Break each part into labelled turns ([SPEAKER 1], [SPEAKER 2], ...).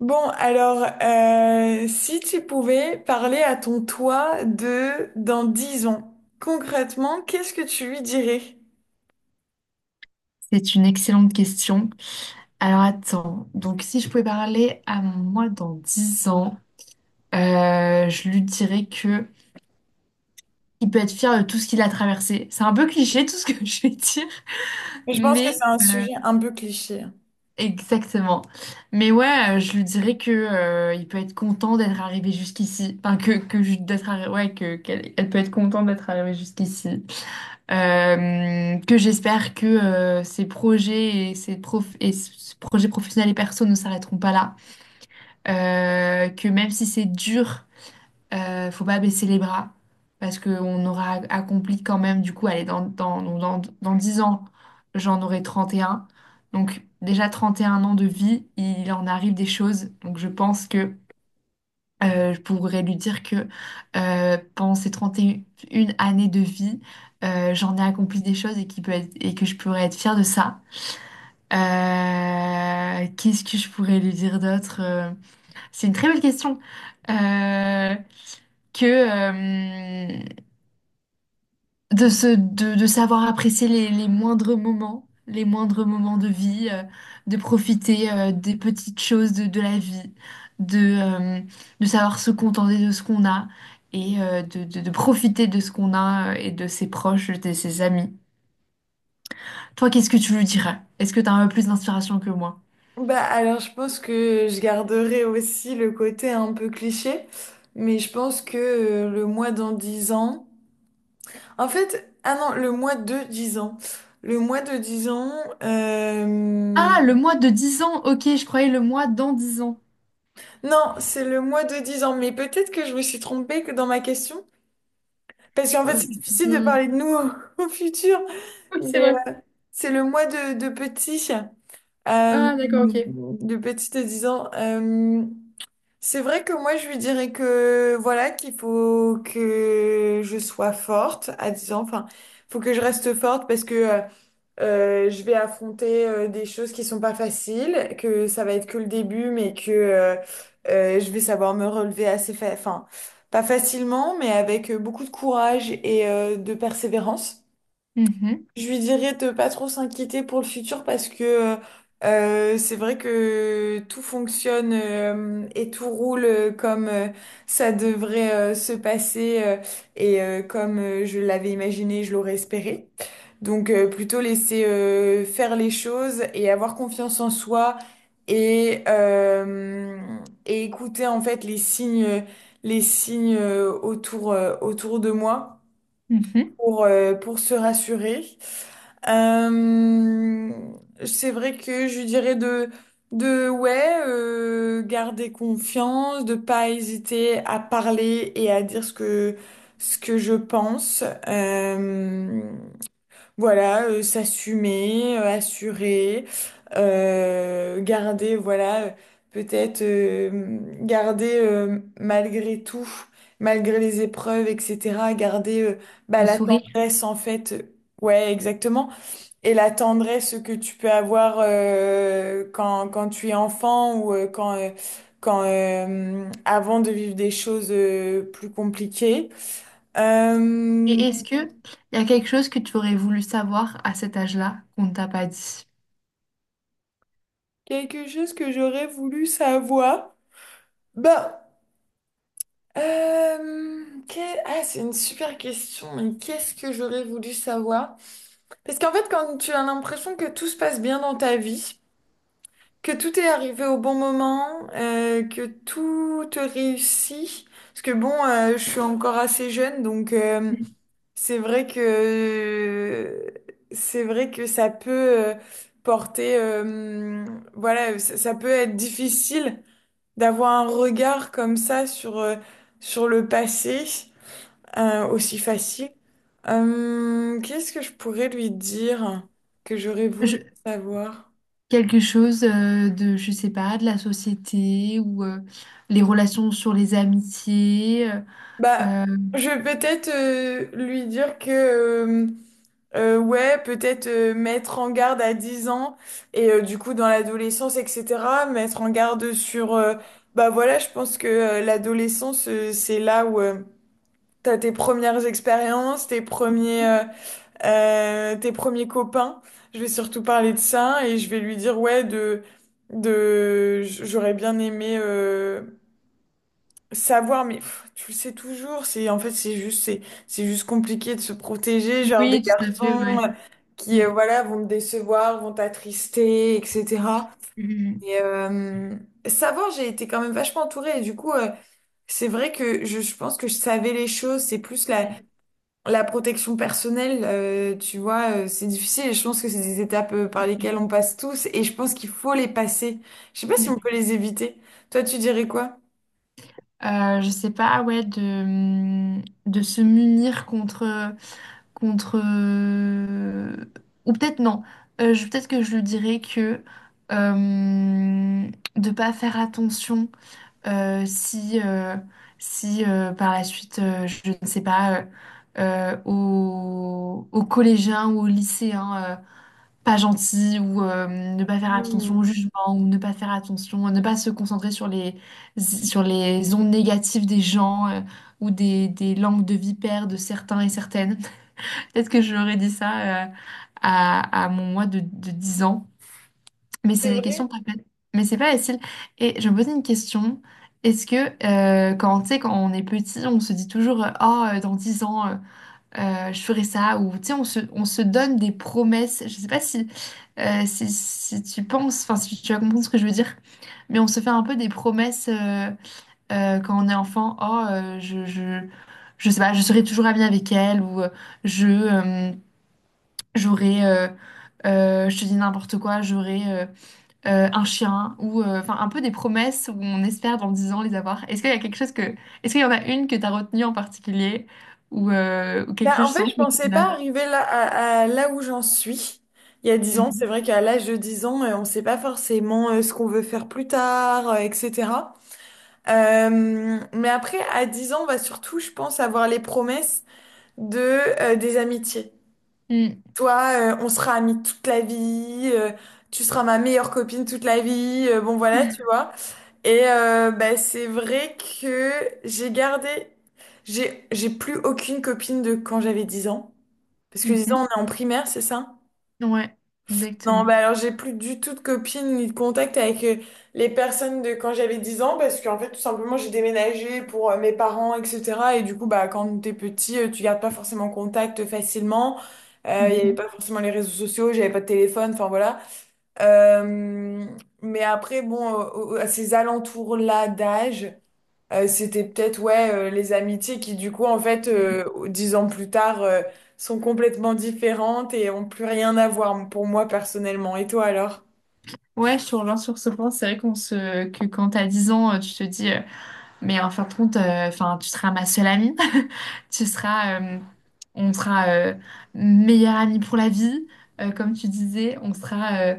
[SPEAKER 1] Bon, alors, si tu pouvais parler à ton toi de dans 10 ans, concrètement, qu'est-ce que tu lui dirais?
[SPEAKER 2] C'est une excellente question. Alors attends, donc si je pouvais parler à mon moi dans 10 ans, je lui dirais que il peut être fier de tout ce qu'il a traversé. C'est un peu cliché tout ce que je vais dire,
[SPEAKER 1] Mais je pense
[SPEAKER 2] mais
[SPEAKER 1] que c'est un
[SPEAKER 2] euh,
[SPEAKER 1] sujet un peu cliché, hein.
[SPEAKER 2] exactement. Mais ouais, je lui dirais que il peut être content d'être arrivé jusqu'ici. Enfin que ouais que qu'elle elle peut être contente d'être arrivée jusqu'ici. Que j'espère que ces projets et et ce projet professionnel et perso ne s'arrêteront pas là. Que même si c'est dur, faut pas baisser les bras parce qu'on aura accompli quand même, du coup, allez, dans 10 ans, j'en aurai 31. Donc déjà 31 ans de vie, il en arrive des choses. Donc je pense que je pourrais lui dire que pendant ces trente et une années de vie, j'en ai accompli des choses et, et que je pourrais être fière de ça. Qu'est-ce que je pourrais lui dire d'autre? C'est une très belle question. Euh, que de savoir apprécier les moindres moments, les moindres moments de vie, de profiter des petites choses de la vie, de, euh, de savoir se contenter de ce qu'on a et de profiter de ce qu'on a et de ses proches, de ses amis. Toi, qu'est-ce que tu lui dirais? Est-ce que tu as un peu plus d'inspiration que moi?
[SPEAKER 1] Bah alors, je pense que je garderai aussi le côté un peu cliché, mais je pense que le mois dans 10 ans, en fait, ah non, le mois de 10 ans. Le mois de 10 ans, euh,
[SPEAKER 2] Ah, le mois de dix ans, ok, je croyais le mois dans 10 ans.
[SPEAKER 1] non, c'est le mois de dix ans, mais peut-être que je me suis trompée que dans ma question. Parce qu'en fait,
[SPEAKER 2] Euh,
[SPEAKER 1] c'est difficile de
[SPEAKER 2] je-
[SPEAKER 1] parler de nous au, au futur,
[SPEAKER 2] Oui, c'est
[SPEAKER 1] mais
[SPEAKER 2] vrai.
[SPEAKER 1] c'est le moi de petit,
[SPEAKER 2] Ah, d'accord, ok.
[SPEAKER 1] de petit de 10 ans. C'est vrai que moi, je lui dirais que voilà, qu'il faut que je sois forte à 10 ans. Enfin, faut que je reste forte parce que je vais affronter des choses qui sont pas faciles, que ça va être que le début, mais que je vais savoir me relever assez enfin, pas facilement, mais avec beaucoup de courage et de persévérance.
[SPEAKER 2] Mhm,
[SPEAKER 1] Je lui dirais de pas trop s'inquiéter pour le futur parce que c'est vrai que tout fonctionne et tout roule comme ça devrait se passer, et comme je l'avais imaginé, je l'aurais espéré. Donc plutôt laisser faire les choses et avoir confiance en soi et, euh, et écouter en fait les signes, les signes, autour, autour de moi
[SPEAKER 2] mhm.
[SPEAKER 1] pour se rassurer. Euh, c'est vrai que je dirais de ouais, garder confiance, de pas hésiter à parler et à dire ce que je pense. Voilà, s'assumer, assurer, garder, voilà, peut-être garder, malgré tout, malgré les épreuves, etc., garder, bah,
[SPEAKER 2] Le
[SPEAKER 1] la
[SPEAKER 2] sourire.
[SPEAKER 1] tendresse en fait, ouais, exactement, et la tendresse que tu peux avoir quand, quand tu es enfant ou quand, avant de vivre des choses plus compliquées. Euh,
[SPEAKER 2] Et est-ce que il y a quelque chose que tu aurais voulu savoir à cet âge-là qu'on ne t'a pas dit?
[SPEAKER 1] Quelque chose que j'aurais voulu savoir. Ben, ah, c'est une super question, mais qu'est-ce que j'aurais voulu savoir? Parce qu'en fait, quand tu as l'impression que tout se passe bien dans ta vie, que tout est arrivé au bon moment, que tout te réussit, parce que bon, je suis encore assez jeune, donc c'est vrai que c'est vrai que ça peut, euh, porter, voilà, ça peut être difficile d'avoir un regard comme ça sur, sur le passé, aussi facile. Qu'est-ce que je pourrais lui dire que j'aurais voulu
[SPEAKER 2] Je-
[SPEAKER 1] savoir?
[SPEAKER 2] Quelque chose de, je sais pas, de la société ou les relations sur les amitiés.
[SPEAKER 1] Bah,
[SPEAKER 2] Euh,
[SPEAKER 1] je vais peut-être lui dire que, ouais, peut-être mettre en garde à 10 ans et du coup dans l'adolescence, etc., mettre en garde sur, bah voilà, je pense que l'adolescence, c'est là où... T'as tes premières expériences, tes premiers copains. Je vais surtout parler de ça et je vais lui dire ouais de j'aurais bien aimé savoir, mais pff, tu le sais toujours, c'est en fait c'est juste compliqué de se protéger genre des
[SPEAKER 2] oui, tout à fait,
[SPEAKER 1] garçons,
[SPEAKER 2] ouais.
[SPEAKER 1] qui
[SPEAKER 2] Mm,
[SPEAKER 1] voilà vont me décevoir, vont t'attrister, etc.
[SPEAKER 2] mm,
[SPEAKER 1] Et savoir, j'ai été quand même vachement entourée et du coup c'est vrai que je pense que je savais les choses, c'est plus la
[SPEAKER 2] mm,
[SPEAKER 1] protection personnelle, tu vois, c'est difficile et je pense que c'est des étapes
[SPEAKER 2] tout
[SPEAKER 1] par
[SPEAKER 2] à fait.
[SPEAKER 1] lesquelles on passe tous et je pense qu'il faut les passer. Je sais pas si on
[SPEAKER 2] Mm.
[SPEAKER 1] peut les éviter. Toi, tu dirais quoi?
[SPEAKER 2] Je sais pas, ouais, de se munir contre, ou peut-être non. Je Peut-être que je lui dirais que euh, de pas faire attention euh, si euh, si par la suite je ne sais pas aux collégiens ou aux lycéens pas gentils ou ne pas faire attention au
[SPEAKER 1] Hmm.
[SPEAKER 2] jugement ou ne pas faire attention ne pas se concentrer sur les ondes négatives des gens ou des langues de vipère de certains et certaines. Peut-être que j'aurais dit ça à mon moi de 10 ans. Mais c'est
[SPEAKER 1] C'est
[SPEAKER 2] des
[SPEAKER 1] vrai.
[SPEAKER 2] questions pas faciles. Mais c'est pas facile. Et je me posais une question. Est-ce que quand, tu sais, quand on est petit, on se dit toujours oh, dans 10 ans, je ferai ça. Ou tu sais, on se donne des promesses. Je sais pas si tu penses, enfin, si tu vas comprendre ce que je veux dire. Mais on se fait un peu des promesses quand on est enfant. Oh, je sais pas, je serai toujours amie avec elle. Ou je. J'aurais, je te dis n'importe quoi, j'aurais un chien ou enfin un peu des promesses où on espère dans 10 ans les avoir. Est-ce qu'il y a quelque chose est-ce qu'il y en a une que tu as retenue en particulier ou
[SPEAKER 1] Ben,
[SPEAKER 2] quelque chose
[SPEAKER 1] en fait,
[SPEAKER 2] justement
[SPEAKER 1] je
[SPEAKER 2] que.
[SPEAKER 1] pensais pas arriver là, à là où j'en suis. Il y a dix ans, c'est
[SPEAKER 2] Mhm.
[SPEAKER 1] vrai qu'à l'âge de 10 ans, on sait pas forcément ce qu'on veut faire plus tard, etc. Mais après, à 10 ans, on va surtout, je pense, avoir les promesses de, des amitiés.
[SPEAKER 2] Mhm.
[SPEAKER 1] Toi, on sera amis toute la vie, tu seras ma meilleure copine toute la vie, bon voilà, tu vois. Et bah, c'est vrai que j'ai gardé, j'ai plus aucune copine de quand j'avais 10 ans. Parce que 10 ans,
[SPEAKER 2] Mm.
[SPEAKER 1] on est en primaire, c'est ça?
[SPEAKER 2] Mhm. Ouais,
[SPEAKER 1] Non,
[SPEAKER 2] exactement.
[SPEAKER 1] bah alors j'ai plus du tout de copines ni de contact avec les personnes de quand j'avais 10 ans parce qu'en fait tout simplement j'ai déménagé pour mes parents, etc. Et du coup bah quand t'es petit, tu gardes pas forcément contact facilement. Il y avait pas
[SPEAKER 2] Mhm.
[SPEAKER 1] forcément les réseaux sociaux, j'avais pas de téléphone, enfin voilà. Euh, mais après bon, à ces alentours-là d'âge. C'était peut-être ouais les amitiés qui du coup en fait dix ans plus tard sont complètement différentes et ont plus rien à voir pour moi personnellement. Et toi alors?
[SPEAKER 2] Ouais, je te rejoins sur ce point. C'est vrai que quand t'as 10 ans, tu te dis. Mais en fin de compte, enfin, tu seras ma seule amie. Tu seras, euh, on sera meilleure amie pour la vie, comme tu disais. On sera euh,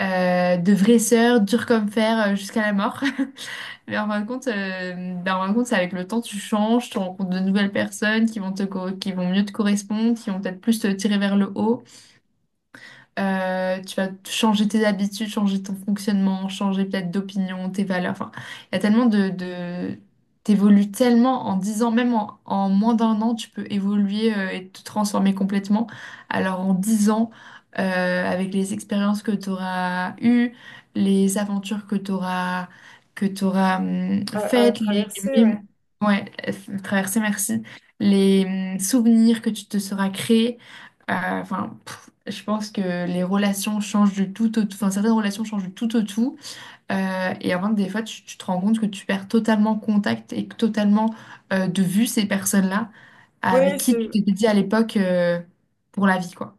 [SPEAKER 2] euh, de vraies sœurs, dures comme fer, jusqu'à la mort. Mais en fin de compte, ben, en fin de compte, c'est avec le temps, tu changes, tu rencontres de nouvelles personnes qui vont mieux te correspondre, qui vont peut-être plus te tirer vers le haut. Tu vas changer tes habitudes, changer ton fonctionnement, changer peut-être d'opinion, tes valeurs. Enfin, il y a tellement de. T'évolues tellement en 10 ans, même en moins d'un an, tu peux évoluer et te transformer complètement. Alors en 10 ans, avec les expériences que tu auras eues, les aventures que tu auras
[SPEAKER 1] À, à
[SPEAKER 2] faites,
[SPEAKER 1] traverser, ouais.
[SPEAKER 2] ouais, traversées, merci, les souvenirs que tu te seras créés. euh, Enfin, je pense que les relations changent du tout au tout. Enfin, certaines relations changent du tout au tout. Et avant que des fois, tu te rends compte que tu perds totalement contact et que totalement de vue ces personnes-là avec
[SPEAKER 1] Ouais, c'est
[SPEAKER 2] qui tu t'étais dit à l'époque pour la vie, quoi.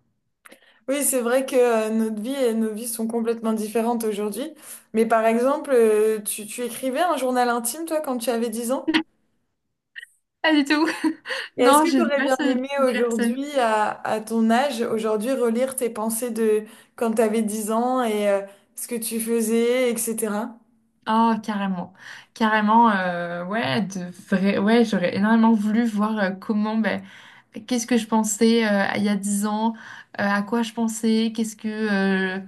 [SPEAKER 1] oui, c'est vrai que notre vie et nos vies sont complètement différentes aujourd'hui. Mais par exemple, tu, tu écrivais un journal intime toi quand tu avais 10 ans?
[SPEAKER 2] Pas du tout.
[SPEAKER 1] Et est-ce
[SPEAKER 2] Non,
[SPEAKER 1] que
[SPEAKER 2] je
[SPEAKER 1] tu
[SPEAKER 2] sais
[SPEAKER 1] aurais
[SPEAKER 2] pas
[SPEAKER 1] bien
[SPEAKER 2] ce type
[SPEAKER 1] aimé
[SPEAKER 2] de personne.
[SPEAKER 1] aujourd'hui, à ton âge, aujourd'hui, relire tes pensées de quand tu avais 10 ans et ce que tu faisais, etc.?
[SPEAKER 2] Oh, carrément. Carrément, ouais, de vrai, ouais, j'aurais énormément voulu voir comment, ben, qu'est-ce que je pensais il y a 10 ans, à quoi je pensais,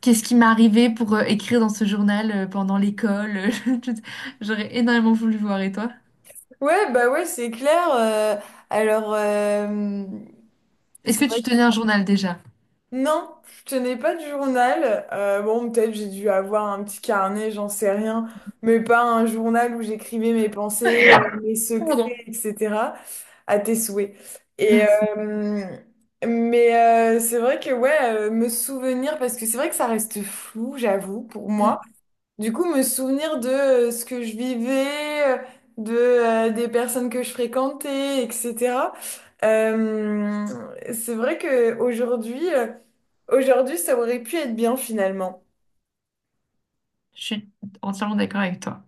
[SPEAKER 2] Qu'est-ce qui m'est arrivé pour écrire dans ce journal pendant l'école? J'aurais énormément voulu voir. Et toi?
[SPEAKER 1] Ouais, bah ouais, c'est clair. Alors,
[SPEAKER 2] Est-ce
[SPEAKER 1] c'est
[SPEAKER 2] que
[SPEAKER 1] vrai
[SPEAKER 2] tu
[SPEAKER 1] que...
[SPEAKER 2] tenais un journal déjà?
[SPEAKER 1] Non, je tenais pas de journal. Bon, peut-être j'ai dû avoir un petit carnet, j'en sais rien. Mais pas un journal où j'écrivais mes pensées, mes secrets,
[SPEAKER 2] Pardon.
[SPEAKER 1] etc. À tes souhaits. Et,
[SPEAKER 2] Merci.
[SPEAKER 1] mais c'est vrai que, ouais, me souvenir, parce que c'est vrai que ça reste flou, j'avoue, pour
[SPEAKER 2] Mm.
[SPEAKER 1] moi. Du coup, me souvenir de ce que je vivais, de des personnes que je fréquentais, etc. Euh, c'est vrai que aujourd'hui, aujourd'hui, ça aurait pu être bien finalement.
[SPEAKER 2] Je suis entièrement d'accord avec toi.